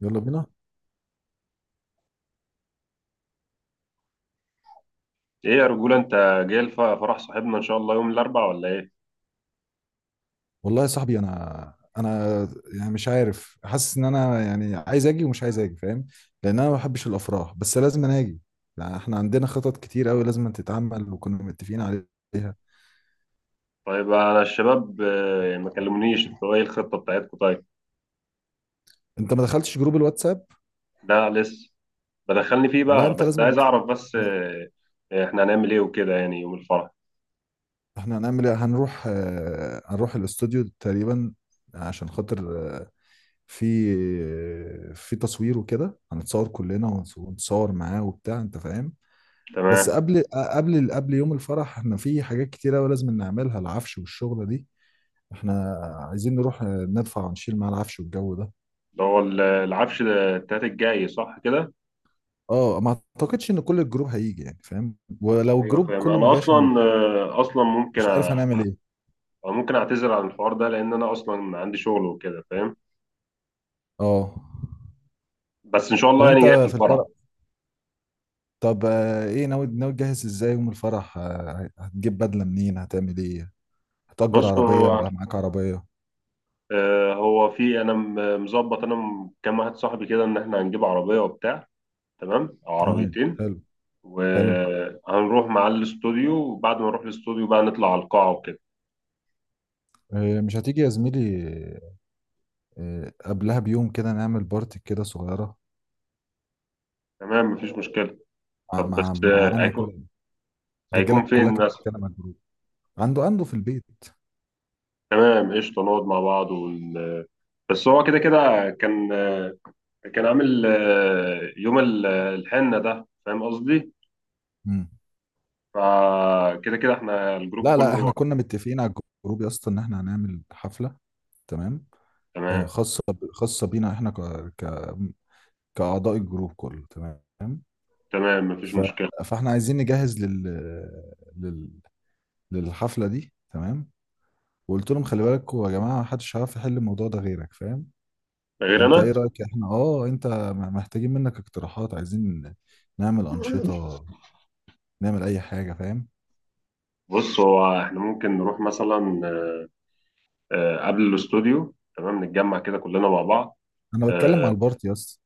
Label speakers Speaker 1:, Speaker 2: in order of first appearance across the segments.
Speaker 1: يلا بينا.
Speaker 2: ايه يا رجولة انت، جاي فرح صاحبنا ان شاء الله يوم الاربعاء ولا ايه؟
Speaker 1: والله يا صاحبي، انا يعني مش عارف، حاسس ان انا يعني عايز اجي ومش عايز اجي فاهم؟ لان انا ما بحبش الافراح، بس لازم انا اجي. يعني احنا عندنا خطط كتير قوي لازم تتعمل وكنا متفقين عليها.
Speaker 2: طيب انا الشباب ما كلمونيش، انتوا ايه الخطة بتاعتكم طيب؟
Speaker 1: انت ما دخلتش جروب الواتساب؟
Speaker 2: لا لسه. بدخلني فيه
Speaker 1: لا،
Speaker 2: بقى
Speaker 1: انت
Speaker 2: بس
Speaker 1: لازم
Speaker 2: عايز اعرف بس
Speaker 1: م-
Speaker 2: احنا هنعمل ايه وكده يعني يوم الفرح.
Speaker 1: احنا هنعمل ايه، هنروح هنروح الاستوديو تقريبا عشان خاطر في في تصوير وكده، هنتصور كلنا ونتصور معاه وبتاع، انت فاهم. بس
Speaker 2: تمام.
Speaker 1: قبل يوم الفرح احنا في حاجات كتيرة أوي لازم نعملها، العفش والشغلة دي. احنا عايزين نروح ندفع ونشيل مع العفش والجو ده.
Speaker 2: ده هو العفش ده التلات الجاي صح كده؟
Speaker 1: اه، ما اعتقدش ان كل الجروب هيجي يعني، فاهم؟ ولو
Speaker 2: ايوه
Speaker 1: الجروب
Speaker 2: فاهم.
Speaker 1: كله ما
Speaker 2: انا
Speaker 1: جاش انا
Speaker 2: اصلا ممكن
Speaker 1: مش عارف هنعمل ايه.
Speaker 2: ممكن اعتذر عن الحوار ده، لان انا اصلا عندي شغل وكده، فاهم؟
Speaker 1: اه.
Speaker 2: بس ان شاء
Speaker 1: طب
Speaker 2: الله
Speaker 1: انت
Speaker 2: يعني جاي في
Speaker 1: في
Speaker 2: الفرح.
Speaker 1: الفرح، طب ايه ناوي، تجهز ازاي يوم الفرح؟ هتجيب بدلة منين؟ هتعمل ايه؟ هتأجر عربية
Speaker 2: بصوا،
Speaker 1: ولا معاك عربية؟
Speaker 2: هو في انا مظبط انا كام واحد صاحبي كده ان احنا هنجيب عربيه وبتاع. تمام او
Speaker 1: تمام،
Speaker 2: عربيتين.
Speaker 1: حلو. حلو.
Speaker 2: وهنروح مع الاستوديو، وبعد ما نروح الاستوديو بقى نطلع على القاعه وكده.
Speaker 1: مش هتيجي يا زميلي؟ قبلها بيوم كده نعمل بارتي كده صغيرة،
Speaker 2: تمام مفيش مشكله.
Speaker 1: مع
Speaker 2: طب بس
Speaker 1: مع معانا
Speaker 2: هيكون
Speaker 1: كده. الرجاله
Speaker 2: هيكون فين
Speaker 1: كلها كانت
Speaker 2: مثلا؟
Speaker 1: بتتكلم على الجروب. عنده في البيت.
Speaker 2: تمام قشطه، نقعد مع بعض ون... آه، بس هو كده كده كان عامل يوم الحنه، ده فاهم قصدي.
Speaker 1: مم.
Speaker 2: فكده كده احنا الجروب
Speaker 1: لا لا، احنا
Speaker 2: كله.
Speaker 1: كنا متفقين على الجروب يا اسطى ان احنا هنعمل حفله، تمام؟
Speaker 2: تمام.
Speaker 1: خاصه بينا احنا ك... كاعضاء الجروب كله، تمام.
Speaker 2: تمام مفيش
Speaker 1: ف...
Speaker 2: مشكله.
Speaker 1: فاحنا عايزين نجهز لل... للحفله دي، تمام. وقلت لهم خلي بالكوا يا جماعه، محدش هيعرف يحل الموضوع ده غيرك، فاهم.
Speaker 2: غير
Speaker 1: فانت
Speaker 2: انا.
Speaker 1: ايه رايك؟ احنا اه انت محتاجين منك اقتراحات، عايزين نعمل انشطه، نعمل اي حاجه، فاهم.
Speaker 2: بص، هو احنا ممكن نروح مثلا قبل الاستوديو، تمام نتجمع كده كلنا مع بعض.
Speaker 1: انا بتكلم
Speaker 2: آه،
Speaker 1: على البارتي يا اسطى،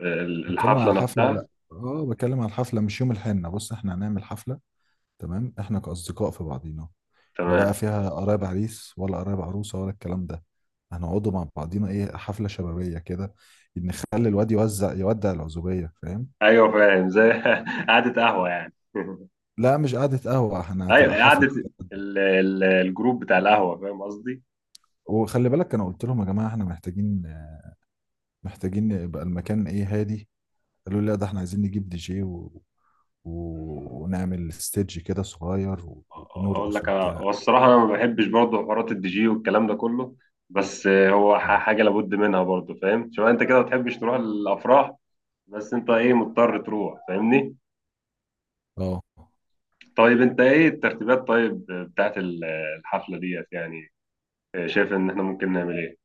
Speaker 1: بتكلم على
Speaker 2: الحفلة
Speaker 1: الحفله.
Speaker 2: نفسها.
Speaker 1: لا، اه بتكلم على الحفله مش يوم الحنه. بص احنا هنعمل حفله تمام، احنا كاصدقاء في بعضينا، لا بقى
Speaker 2: تمام.
Speaker 1: فيها قرايب عريس ولا قرايب عروسه ولا الكلام ده. هنقعدوا مع بعضينا، ايه، حفله شبابيه كده، نخلي الواد يوزع يودع العزوبيه، فاهم.
Speaker 2: ايوه فاهم، زي قعدة قهوة يعني.
Speaker 1: لا، مش قعدة قهوة، احنا
Speaker 2: ايوه
Speaker 1: هتبقى
Speaker 2: قعدة
Speaker 1: حفلة.
Speaker 2: الجروب بتاع القهوة، فاهم قصدي.
Speaker 1: وخلي بالك، انا قلت لهم يا جماعة احنا محتاجين يبقى المكان ايه، هادي. قالوا لي لا، ده احنا عايزين نجيب دي جي و... ونعمل ستيدج كده صغير
Speaker 2: اقول
Speaker 1: ونرقص
Speaker 2: لك، انا
Speaker 1: وبتاع.
Speaker 2: هو الصراحة انا ما بحبش برضه حوارات الدي جي والكلام ده كله. بس هو حاجة لابد منها برضه. فاهم، شوف انت كده ما بتحبش تروح الافراح. بس انت ايه مضطر تروح، فاهمني.
Speaker 1: اه،
Speaker 2: طيب انت ايه الترتيبات طيب بتاعت الحفلة ديت يعني؟ شايف ان احنا ممكن نعمل ايه؟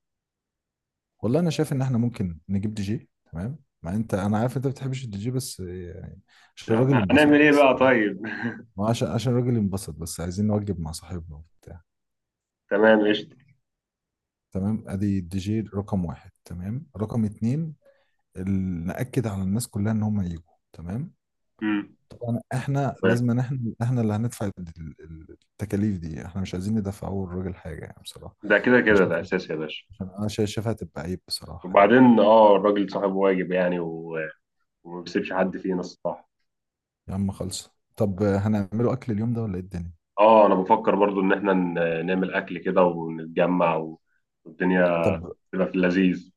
Speaker 1: والله انا شايف ان احنا ممكن نجيب دي جي، تمام؟ مع انت انا عارف انت ما بتحبش الدي جي، بس يعني عشان الراجل
Speaker 2: هنعمل
Speaker 1: ينبسط
Speaker 2: ايه
Speaker 1: بس.
Speaker 2: بقى طيب؟
Speaker 1: ما عشان الراجل ينبسط بس، عايزين نوجب مع صاحبنا وبتاع.
Speaker 2: تمام قشطة.
Speaker 1: تمام، ادي الدي جي رقم واحد، تمام. رقم اتنين، نأكد على الناس كلها ان هم يجوا، تمام.
Speaker 2: مم.
Speaker 1: طبعا احنا
Speaker 2: تمام.
Speaker 1: لازم، إن احنا اللي هندفع التكاليف دي، احنا مش عايزين ندفعوا الراجل حاجه يعني بصراحه.
Speaker 2: ده كده
Speaker 1: عشان
Speaker 2: كده
Speaker 1: شايف،
Speaker 2: ده اساسي يا باشا.
Speaker 1: عشان انا شايفها هتبقى عيب بصراحه يعني.
Speaker 2: وبعدين اه الراجل صاحب واجب يعني، وما بيسيبش حد فينا الصراحة.
Speaker 1: يا عم خلص. طب هنعمله اكل اليوم ده ولا ايه الدنيا؟
Speaker 2: اه، انا بفكر برضو ان احنا نعمل اكل كده ونتجمع، والدنيا
Speaker 1: طب.
Speaker 2: تبقى في اللذيذ.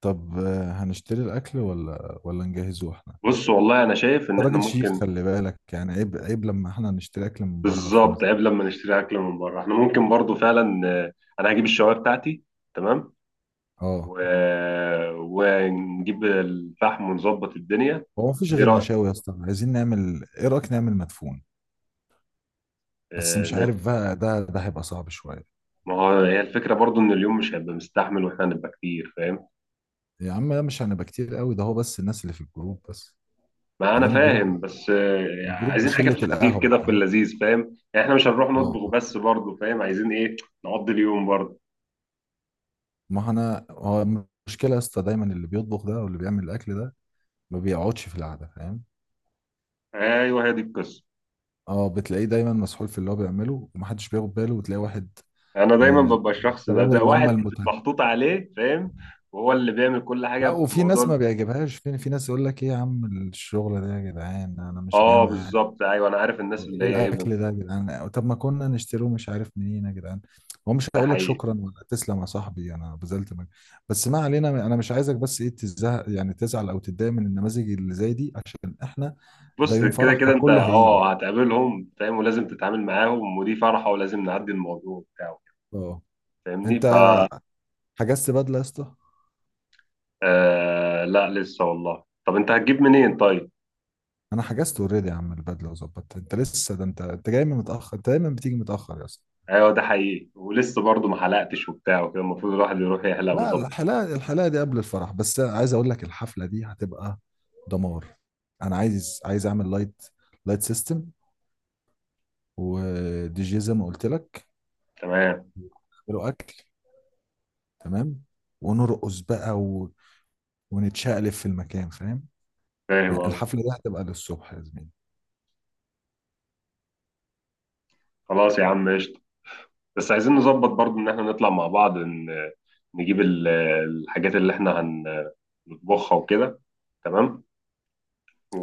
Speaker 1: طب هنشتري الاكل ولا نجهزه احنا؟
Speaker 2: بص، والله انا شايف ان
Speaker 1: أنت
Speaker 2: احنا
Speaker 1: راجل شيف
Speaker 2: ممكن.
Speaker 1: خلي بالك يعني، عيب لما احنا نشتري اكل من بره في يوم
Speaker 2: بالظبط،
Speaker 1: زي
Speaker 2: عيب
Speaker 1: ده.
Speaker 2: لما نشتري اكل من بره، احنا ممكن برضو فعلا انا هجيب الشوايه بتاعتي. تمام.
Speaker 1: اه.
Speaker 2: و... ونجيب الفحم ونظبط الدنيا.
Speaker 1: هو مفيش
Speaker 2: ايه
Speaker 1: غير
Speaker 2: رأيك؟
Speaker 1: مشاوي يا اسطى؟ عايزين نعمل، ايه رايك نعمل مدفون؟ بس
Speaker 2: آه،
Speaker 1: مش
Speaker 2: ن-
Speaker 1: عارف بقى، ده هيبقى صعب شويه.
Speaker 2: ما هو هي الفكرة برضو ان اليوم مش هيبقى مستحمل واحنا هنبقى كتير، فاهم؟
Speaker 1: يا عم لا، مش هنبقى كتير قوي، ده هو بس الناس اللي في الجروب بس.
Speaker 2: ما انا
Speaker 1: بعدين الجروب،
Speaker 2: فاهم، بس
Speaker 1: الجروب
Speaker 2: عايزين حاجة في
Speaker 1: بشلة
Speaker 2: الخفيف
Speaker 1: القهوة
Speaker 2: كده في
Speaker 1: فاهم.
Speaker 2: اللذيذ، فاهم؟ يعني احنا مش هنروح
Speaker 1: اه.
Speaker 2: نطبخ بس برضو، فاهم؟ عايزين ايه؟ نقضي اليوم برضو.
Speaker 1: ما انا، هو المشكلة يا اسطى دايما اللي بيطبخ ده واللي بيعمل الاكل ده ما بيقعدش في القعدة، فاهم.
Speaker 2: ايوه، هي دي القصة.
Speaker 1: اه، بتلاقيه دايما مسحول في اللي هو بيعمله ومحدش بياخد باله، وتلاقي واحد
Speaker 2: انا دايما
Speaker 1: من
Speaker 2: ببقى الشخص ده
Speaker 1: الشباب
Speaker 2: ده
Speaker 1: اللي هم
Speaker 2: واحد
Speaker 1: المتهم.
Speaker 2: محطوط عليه، فاهم؟ وهو اللي بيعمل كل حاجة
Speaker 1: لا،
Speaker 2: في
Speaker 1: وفي ناس
Speaker 2: موضوع.
Speaker 1: ما بيعجبهاش، في ناس يقول لك ايه يا عم الشغل ده يا جدعان، انا مش جاي
Speaker 2: اه،
Speaker 1: معايا.
Speaker 2: بالظبط، ايوه انا عارف الناس اللي
Speaker 1: وايه
Speaker 2: هي ايه.
Speaker 1: الاكل ده يا جدعان؟ طب ما كنا نشتروه، مش عارف منين يا جدعان. هو مش
Speaker 2: ده
Speaker 1: هقول لك
Speaker 2: حقيقي.
Speaker 1: شكرا ولا تسلم يا صاحبي، انا بذلت مجهود. بس ما علينا، انا مش عايزك بس ايه، تزهق يعني تزعل او تتضايق من النماذج اللي زي دي، عشان احنا ده
Speaker 2: بص،
Speaker 1: يوم
Speaker 2: كده
Speaker 1: فرح
Speaker 2: كده انت
Speaker 1: فكله هيجي.
Speaker 2: اه هتقابلهم، فاهم، ولازم تتعامل معاهم، ودي فرحة ولازم نعدي الموضوع بتاعه.
Speaker 1: اه.
Speaker 2: فاهمني
Speaker 1: انت حجزت بدله يا اسطى؟
Speaker 2: آه، لا لسه والله. طب انت هتجيب منين طيب؟
Speaker 1: انا حجزت اوريدي يا عم البدله وظبطت، انت لسه، ده انت جاي من متاخر، انت دايما بتيجي متاخر يا اسطى.
Speaker 2: ايوه، ده حقيقي، ولسه برضه ما حلقتش وبتاع وكده، المفروض الواحد يروح يحلق
Speaker 1: لا،
Speaker 2: ويظبط.
Speaker 1: الحلاقه، الحلاقه دي قبل الفرح. بس عايز اقول لك الحفله دي هتبقى دمار. انا عايز اعمل لايت، لايت سيستم، ودي جي زي ما قلت لك،
Speaker 2: تمام.
Speaker 1: له اكل، تمام. ونرقص بقى ونتشقلب في المكان، فاهم.
Speaker 2: فاهم
Speaker 1: يعني
Speaker 2: قصدي.
Speaker 1: الحفله دي هتبقى للصبح يا زميلي.
Speaker 2: خلاص يا عم قشطة. بس عايزين نظبط برضه ان احنا نطلع مع بعض، نجيب الحاجات اللي احنا هنطبخها وكده. تمام.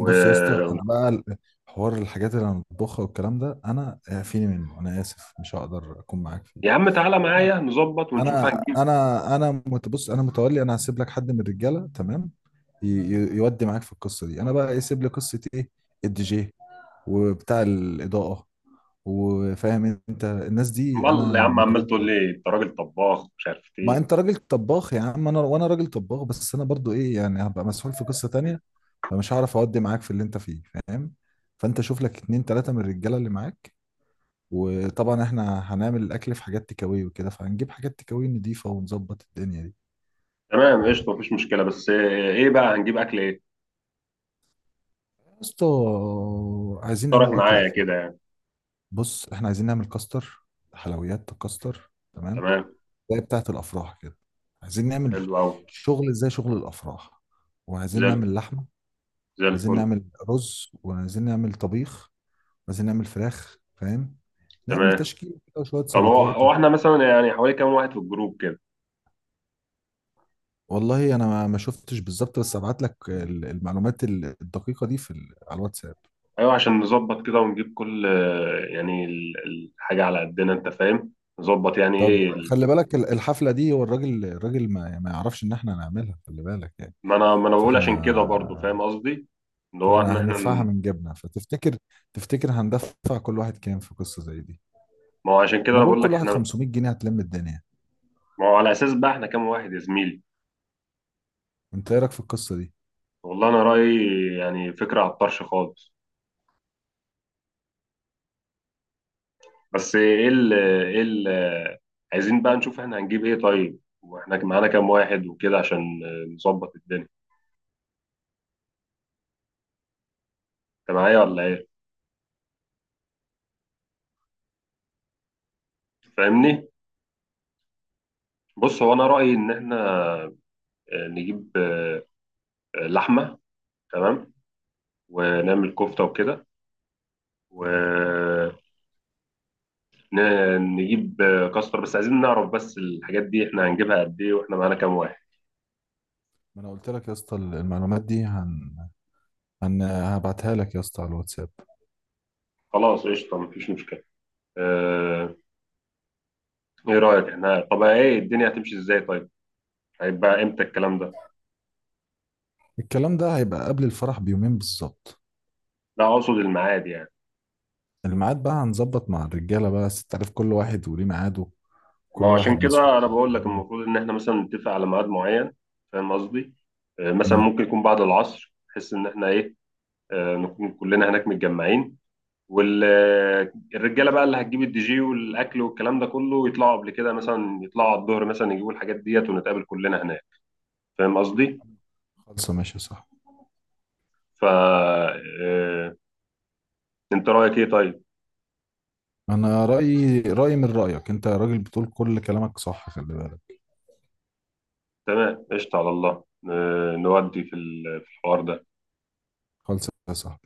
Speaker 1: بص يا اسطى، انا بقى حوار الحاجات اللي انا بطبخها والكلام ده انا فيني منه، انا اسف مش هقدر اكون معاك فيه.
Speaker 2: يا عم تعالى معايا نظبط ونشوف هنجيب.
Speaker 1: بص انا متولي، انا هسيب لك حد من الرجاله، تمام، يودي معاك في القصه دي، انا بقى يسيب لي قصه ايه، الدي جي وبتاع الاضاءه، وفاهم انت الناس دي
Speaker 2: امال يا
Speaker 1: انا
Speaker 2: عم، عمال تقول
Speaker 1: متكفل.
Speaker 2: لي انت راجل طباخ مش عارف
Speaker 1: ما
Speaker 2: ايه.
Speaker 1: انت راجل طباخ يا عم، انا وانا راجل طباخ، بس انا برضو ايه يعني هبقى مسؤول في قصة تانية، فمش هعرف اودي معاك في اللي انت فيه، فاهم. فانت شوف لك اتنين تلاتة من الرجالة اللي معاك. وطبعا احنا هنعمل الاكل في حاجات تكاوي وكده، فهنجيب حاجات تكاوي نضيفة ونظبط الدنيا دي.
Speaker 2: تمام قشطه مفيش مشكله، بس ايه بقى هنجيب اكل ايه؟
Speaker 1: يا اسطى، عايزين
Speaker 2: اقترح
Speaker 1: نعمل اكل
Speaker 2: معايا
Speaker 1: اصلا.
Speaker 2: كده يعني.
Speaker 1: بص احنا عايزين نعمل كاستر، حلويات كاستر، تمام؟
Speaker 2: تمام،
Speaker 1: زي بتاعة الافراح كده. عايزين نعمل
Speaker 2: حلو قوي.
Speaker 1: شغل زي شغل الافراح، وعايزين
Speaker 2: زي الف-
Speaker 1: نعمل لحمة،
Speaker 2: زي
Speaker 1: عايزين
Speaker 2: الفل.
Speaker 1: نعمل رز، وعايزين نعمل طبيخ، وعايزين نعمل فراخ فاهم، نعمل
Speaker 2: تمام.
Speaker 1: تشكيل كده وشوية
Speaker 2: طب هو
Speaker 1: سلطات
Speaker 2: هو احنا مثلا يعني حوالي كام واحد في الجروب كده؟
Speaker 1: والله انا ما شفتش بالظبط، بس ابعت لك المعلومات الدقيقة دي في على الواتساب.
Speaker 2: ايوه، عشان نظبط كده ونجيب كل يعني الحاجه على قدنا، انت فاهم. نظبط يعني
Speaker 1: طب
Speaker 2: ايه
Speaker 1: خلي بالك الحفلة دي، هو الراجل، الراجل ما يعرفش ان احنا هنعملها، خلي بالك يعني.
Speaker 2: ما انا بقول
Speaker 1: فاحنا
Speaker 2: عشان كده برضو، فاهم قصدي. اللي هو
Speaker 1: فاحنا
Speaker 2: احنا.
Speaker 1: هندفعها من جيبنا، فتفتكر، تفتكر هندفع كل واحد كام في قصة زي دي؟
Speaker 2: ما هو عشان كده
Speaker 1: انا
Speaker 2: انا
Speaker 1: بقول
Speaker 2: بقول لك
Speaker 1: كل واحد
Speaker 2: احنا.
Speaker 1: 500 جنيه هتلم الدنيا.
Speaker 2: ما هو على اساس بقى احنا كام واحد يا زميلي؟
Speaker 1: انت ايه رايك في القصة دي؟
Speaker 2: والله انا رايي، يعني فكره على الطرش خالص. بس ايه ال ايه ال عايزين بقى نشوف احنا هنجيب ايه طيب، واحنا معانا كام واحد وكده، عشان نظبط الدنيا. انت معايا ولا ايه؟ فاهمني. بص، هو انا رايي ان احنا نجيب لحمه. تمام. ونعمل كفته وكده.
Speaker 1: اه.
Speaker 2: ونجيب كاستر، بس عايزين نعرف بس الحاجات دي احنا هنجيبها قد ايه واحنا معانا كام واحد؟
Speaker 1: ما انا قلت لك يا اسطى المعلومات دي هبعتها لك يا اسطى على الواتساب.
Speaker 2: خلاص قشطه مفيش مشكله. آه، ايه رأيك احنا، طب ايه الدنيا هتمشي ازاي طيب؟ هيبقى امتى الكلام ده؟
Speaker 1: الكلام ده هيبقى قبل الفرح بيومين بالظبط.
Speaker 2: لا، اقصد الميعاد يعني.
Speaker 1: الميعاد بقى هنظبط مع الرجاله بقى، بس انت عارف كل واحد وليه ميعاده،
Speaker 2: ما هو
Speaker 1: كل
Speaker 2: عشان
Speaker 1: واحد مسحوق.
Speaker 2: كده انا بقول لك المفروض ان احنا مثلا نتفق على ميعاد معين، فاهم قصدي. مثلا
Speaker 1: امم.
Speaker 2: ممكن يكون بعد العصر بحيث ان احنا ايه، نكون كلنا هناك متجمعين. والرجاله بقى اللي هتجيب الدي جي والاكل والكلام ده كله يطلعوا قبل كده، مثلا يطلعوا على الظهر، مثلا يجيبوا الحاجات ديت ونتقابل كلنا هناك. فاهم قصدي.
Speaker 1: خلصه، ماشي صح.
Speaker 2: فا آه، انت رأيك ايه طيب؟
Speaker 1: انا رايي، رايي من رايك، انت راجل بتقول كل كلامك صح، خلي بالك.
Speaker 2: تمام قشطة على الله. نودي في الحوار ده.
Speaker 1: خلصه صح.